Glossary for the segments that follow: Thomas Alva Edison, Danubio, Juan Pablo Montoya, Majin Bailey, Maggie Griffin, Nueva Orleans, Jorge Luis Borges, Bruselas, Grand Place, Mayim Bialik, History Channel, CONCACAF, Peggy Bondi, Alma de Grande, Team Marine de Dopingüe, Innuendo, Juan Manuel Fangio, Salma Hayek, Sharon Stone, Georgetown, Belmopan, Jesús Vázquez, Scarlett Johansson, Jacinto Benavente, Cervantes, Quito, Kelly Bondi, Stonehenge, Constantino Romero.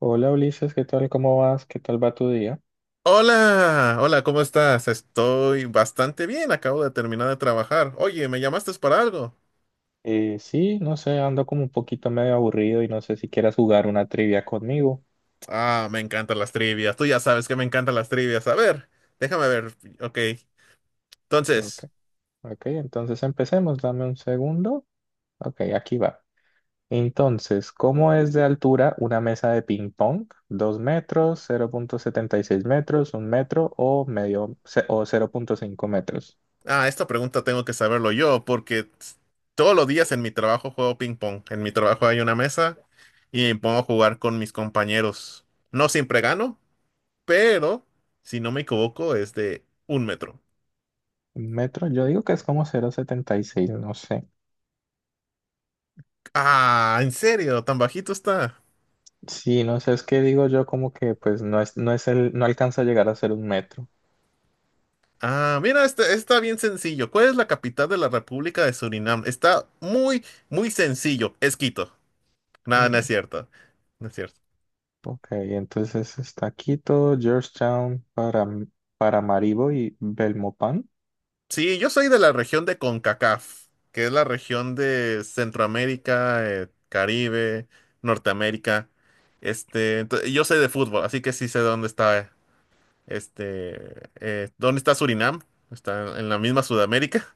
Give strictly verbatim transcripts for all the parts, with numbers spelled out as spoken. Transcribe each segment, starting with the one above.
Hola Ulises, ¿qué tal? ¿Cómo vas? ¿Qué tal va tu día? Hola, hola, ¿cómo estás? Estoy bastante bien, acabo de terminar de trabajar. Oye, ¿me llamaste para algo? Eh, sí, no sé, ando como un poquito medio aburrido y no sé si quieras jugar una trivia conmigo. Ah, me encantan las trivias, tú ya sabes que me encantan las trivias. A ver, déjame ver, ok. Ok, Entonces, ok, entonces empecemos, dame un segundo. Ok, aquí va. Entonces, ¿cómo es de altura una mesa de ping pong? ¿Dos metros, cero punto setenta y seis metros, un metro o medio ce- o cero punto cinco metros? ah, esta pregunta tengo que saberlo yo porque t- todos los días en mi trabajo juego ping pong. En mi trabajo hay una mesa y me pongo a jugar con mis compañeros. No siempre gano, pero si no me equivoco es de un metro. ¿Un metro? Yo digo que es como cero punto setenta y seis, no sé. Ah, ¿en serio? ¿Tan bajito está? Sí, no sé, es que digo yo como que pues no es, no es el, no alcanza a llegar a ser un metro. Ah, mira, este está bien sencillo. ¿Cuál es la capital de la República de Surinam? Está muy, muy sencillo. Es Quito. Nada, no es Mm, cierto. No es cierto. ok, entonces está Quito, Georgetown, para, Paramaribo y Belmopan. Sí, yo soy de la región de CONCACAF, que es la región de Centroamérica, eh, Caribe, Norteamérica. Este, ento- yo sé de fútbol, así que sí sé dónde está, este, eh, dónde está Surinam. Está en la misma Sudamérica.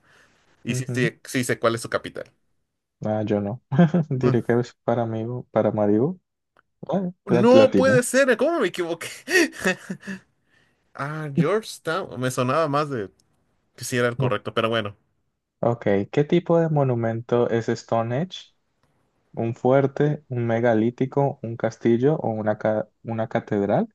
Y sí, Ujú. sí, sí sé cuál es su capital. Ah, yo no. Diré Ah. que es Paramaribo, Paramaribo. Ah, la, la No puede atiné. ser, ¿cómo me equivoqué? Ah, Georgetown. Me sonaba más de que si era el No. correcto, pero bueno. Ok, ¿qué tipo de monumento es Stonehenge? ¿Un fuerte, un megalítico, un castillo o una, ca- una catedral?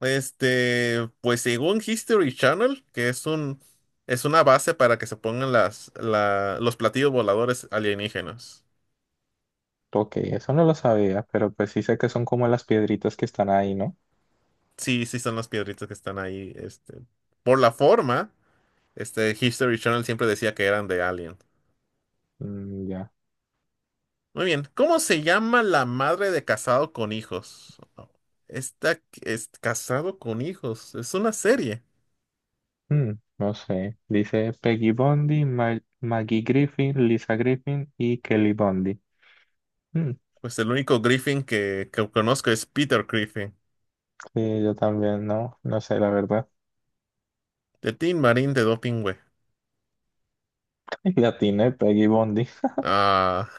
Este, pues según History Channel, que es un es una base para que se pongan las la- los platillos voladores alienígenas. Ok, eso no lo sabía, pero pues sí sé que son como las piedritas que están ahí, ¿no? Sí, sí son las piedritas que están ahí, este, por la forma, este History Channel siempre decía que eran de Alien. Mm, ya. Muy bien, ¿cómo se llama la madre de casado con hijos? Está, es casado con hijos, es una serie. Mm, no sé. Dice Peggy Bondi, Ma- Maggie Griffin, Lisa Griffin y Kelly Bondi. Mm, Pues el único Griffin que, que conozco es Peter Griffin, sí, yo también, no, no sé, la verdad. de Team Marine de Dopingüe. La tiene Peggy Bondi. Ah,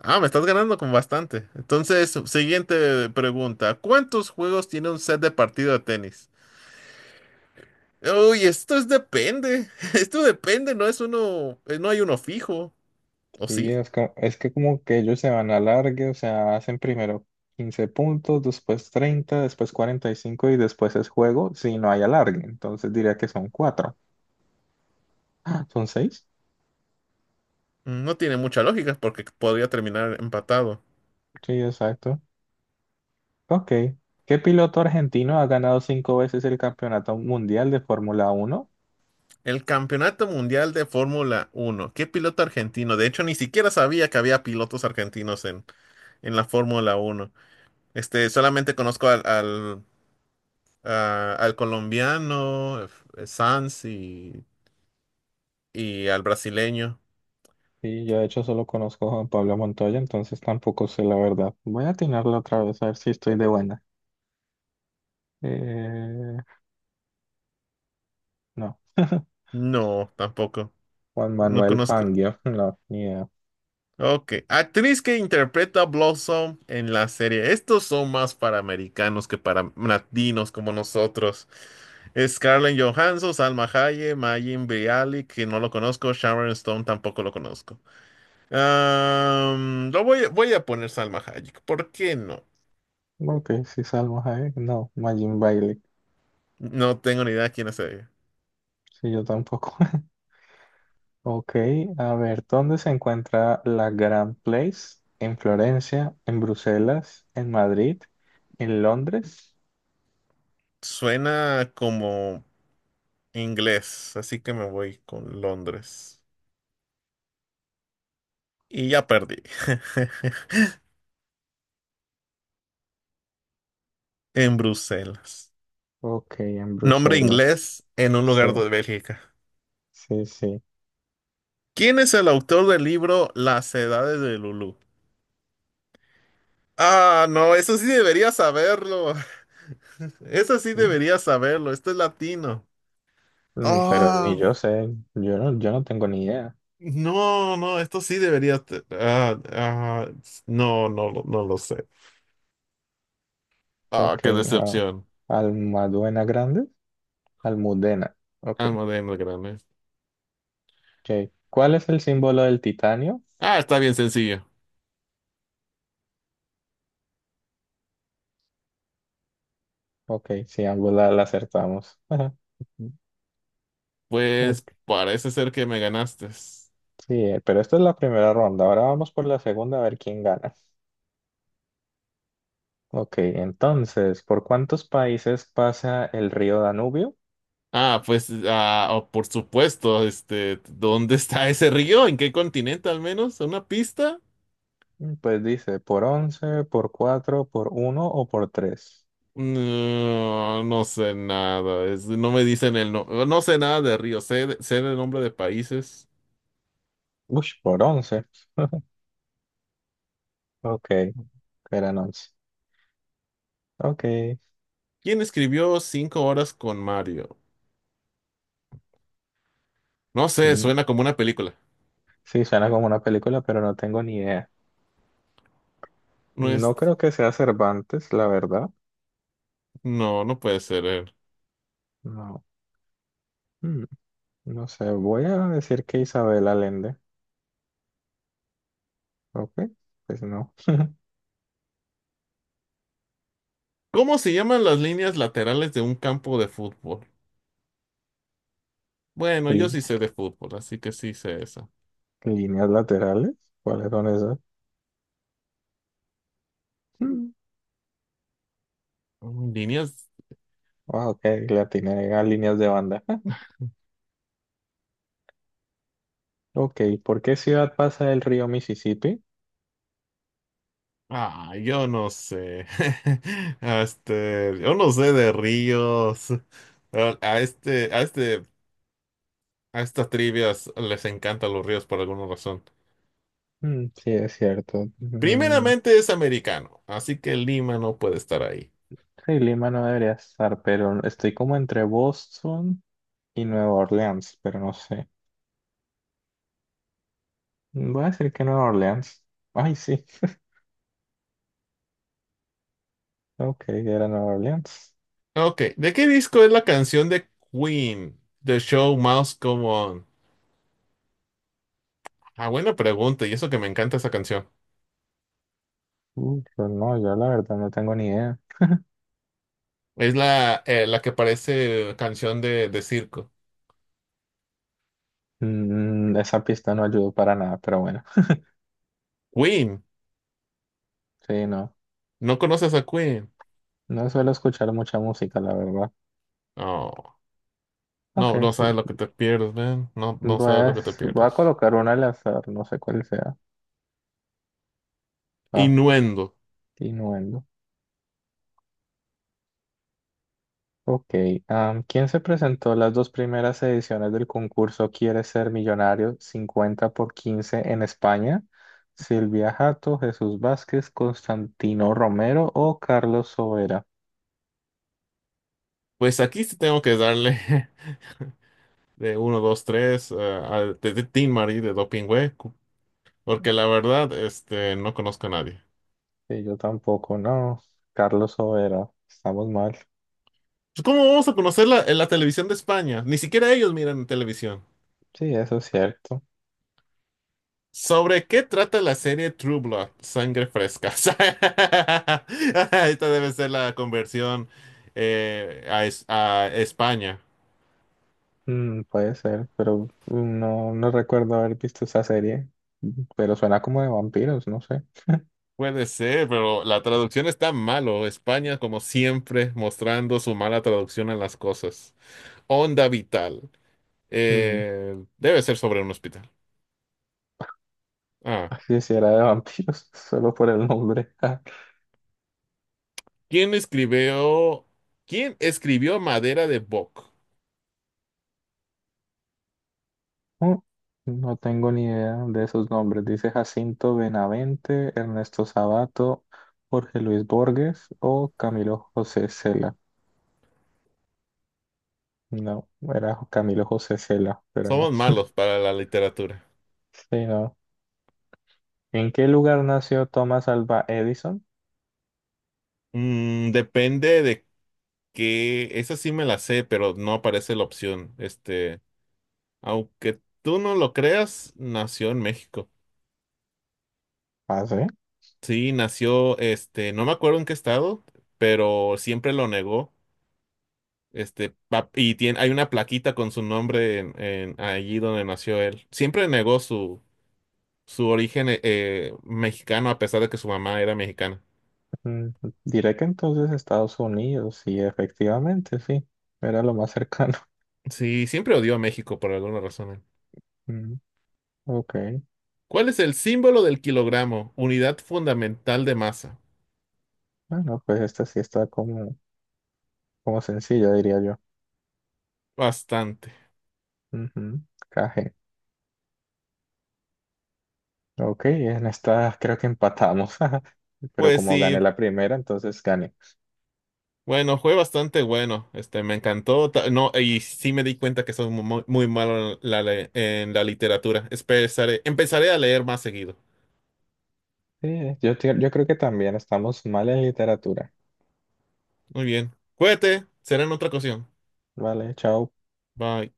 ah, me estás ganando con bastante. Entonces, siguiente pregunta. ¿Cuántos juegos tiene un set de partido de tenis? Uy, esto es depende. Esto depende, no es uno, eh, no hay uno fijo. ¿O Sí, sí? es que, es que como que ellos se van a largue, o sea, hacen primero quince puntos, después treinta, después cuarenta y cinco y cinco y después es juego si no hay alargue. Entonces diría que son cuatro. Ah, ¿son seis? No tiene mucha lógica porque podría terminar empatado. Sí, exacto. Ok. ¿Qué piloto argentino ha ganado cinco veces el Campeonato Mundial de Fórmula Uno? El Campeonato Mundial de Fórmula Uno. ¿Qué piloto argentino? De hecho, ni siquiera sabía que había pilotos argentinos en, en la Fórmula Uno. Este, solamente conozco al, al, a- al colombiano, eh, Sanz y, y al brasileño. Sí, yo de hecho solo conozco a Juan Pablo Montoya, entonces tampoco sé la verdad. Voy a atinarlo otra vez a ver si estoy de buena. Eh, no. No, tampoco. Juan No Manuel conozco. Fangio, no, ni idea. Ok. Actriz que interpreta a Blossom en la serie. Estos son más para americanos que para latinos como nosotros. Scarlett Johansson, Salma Hayek, Mayim Bialik, que no lo conozco. Sharon Stone tampoco lo conozco. Am, lo voy, voy a poner Salma Hayek. ¿Por qué no? Ok, si Salmo Hayek, no, Majin Bailey, No tengo ni idea quién es ella. sí, yo tampoco. Ok, a ver, ¿dónde se encuentra la Grand Place? ¿En Florencia? ¿En Bruselas? ¿En Madrid? ¿En Londres? Suena como inglés, así que me voy con Londres. Y ya perdí. En Bruselas. Ok, en Nombre Bruselas. inglés en un Sí, lugar de Bélgica. sí, sí. ¿Quién es el autor del libro Las Edades de Lulú? Ah, no, eso sí debería saberlo. Eso sí Mm, debería saberlo. Esto es latino. mm, pero ni Ah, yo sé, yo no, yo no tengo ni idea. no, no, esto sí debería. te- Ah, ah, no, no, lo- no lo sé. Ah, Ok, qué ah, decepción. Almaduena Grande, Almudena. Ok, Alma de Grande. ok. ¿Cuál es el símbolo del titanio? Ah, está bien sencillo. Ok, sí, ambos la, la acertamos. Ajá, Pues ok, parece ser que me ganaste. sí, eh, pero esta es la primera ronda, ahora vamos por la segunda a ver quién gana. Ok, entonces, ¿por cuántos países pasa el río Danubio? Ah, pues, ah, oh, por supuesto, este, ¿dónde está ese río? ¿En qué continente al menos? ¿Una pista? Mm, pues dice, por once, por cuatro, por uno o por tres. No, no sé nada, es- no me dicen el no, no sé nada de río, sé, de- sé el nombre de países. Uy, por once. Ok, eran once. Ok, ¿Quién escribió Cinco horas con Mario? No sé, suena cinco. como una película. Sí, suena como una película, pero no tengo ni idea. No es, No creo que sea Cervantes, la verdad. no, no puede ser él. No. Mm, no sé, voy a decir que Isabel Allende. Ok, pues no. ¿Cómo se llaman las líneas laterales de un campo de fútbol? Bueno, yo Lí- sí sé de fútbol, así que sí sé eso. Líneas laterales, ¿cuáles son esas? Mm, Mm, Líneas. ah, ok, la tiene a líneas de banda. Ok, ¿por qué ciudad pasa el río Mississippi? Ah, yo no sé. Este, yo no sé de ríos. A, a este, a este, a estas trivias les encantan los ríos por alguna razón. Mm, sí, es cierto. Mm, Primeramente es americano, así que Lima no puede estar ahí. sí, Lima no debería estar, pero estoy como entre Boston y Nueva Orleans, pero no sé. Voy a decir que Nueva Orleans. Ay, sí. Ok, era Nueva Orleans. Ok, ¿de qué disco es la canción de Queen? The Show Must Go On. Ah, buena pregunta, y eso que me encanta esa canción. Uh, pero no, yo la verdad no tengo ni idea. Es la, eh, la que parece canción de, de circo. Mm, esa pista no ayudó para nada, pero bueno. Queen, Sí, no. no conoces a Queen. No suelo escuchar mucha música, la verdad. Oh, Ok, no, no sabes lo que te pierdes, man. No, no voy sabes lo a, que te voy a pierdes. colocar una al azar, no sé cuál sea. Ah, Innuendo. Innuendo. Ok, am, ¿quién se presentó a las dos primeras ediciones del concurso Quiere ser millonario cincuenta por quince en España? ¿Silvia Jato, Jesús Vázquez, Constantino Romero o Carlos Sobera? Pues aquí sí tengo que darle de uno, dos, tres a de, de Tin Marín de Dopingüe, cu- porque la verdad, este, no conozco a nadie. Sí, yo tampoco, no. Carlos Sobera, estamos mal. Pues, ¿cómo vamos a conocer la, en la televisión de España? Ni siquiera ellos miran televisión. Sí, eso es cierto. ¿Sobre qué trata la serie True Blood? Sangre fresca. Esta debe ser la conversión eh, a, es- a España. Mm, puede ser, pero mm, no, no recuerdo haber visto esa serie, mm, pero suena como de vampiros, no sé. Puede ser, pero la traducción está malo. España, como siempre, mostrando su mala traducción a las cosas. Onda vital. Mm, Eh, debe ser sobre un hospital. Ah, quisiera de vampiros, solo por el nombre. ¿quién escribió? ¿Quién escribió Madera de Boc? Mm, no tengo ni idea de esos nombres. Dice Jacinto Benavente, Ernesto Sabato, Jorge Luis Borges o Camilo José Cela. No, era Camilo José Cela, pero no. Somos malos para la literatura. Sí, no. ¿En qué lugar nació Thomas Alva Edison? Mm, depende de qué. Esa sí me la sé, pero no aparece la opción. Este, aunque tú no lo creas, nació en México. Ah, sí. Sí, nació, este, no me acuerdo en qué estado, pero siempre lo negó. Este, pa- y tiene, hay una plaquita con su nombre en, en- allí donde nació él. Siempre negó su, su origen eh, eh, mexicano a pesar de que su mamá era mexicana. Mm, diré que entonces Estados Unidos, y efectivamente, sí. Era lo más cercano. Sí, siempre odió a México por alguna razón. Él. Mm, ok. ¿Cuál es el símbolo del kilogramo? Unidad fundamental de masa. Bueno, pues esta sí está como, como sencilla, diría yo. Bastante. Ujú. Caje. Ok, en esta creo que empatamos, pero Pues como gané sí, la primera, entonces gané. bueno, fue bastante bueno. Este, me encantó. Ta- No, y sí me di cuenta que soy mu- muy, muy malo en la, le- en la literatura. Empezaré, empezaré a leer más seguido. Sí, yo, te- yo creo que también estamos mal en literatura. Muy bien. Cuídate. Será en otra ocasión. Vale, chao. Bye.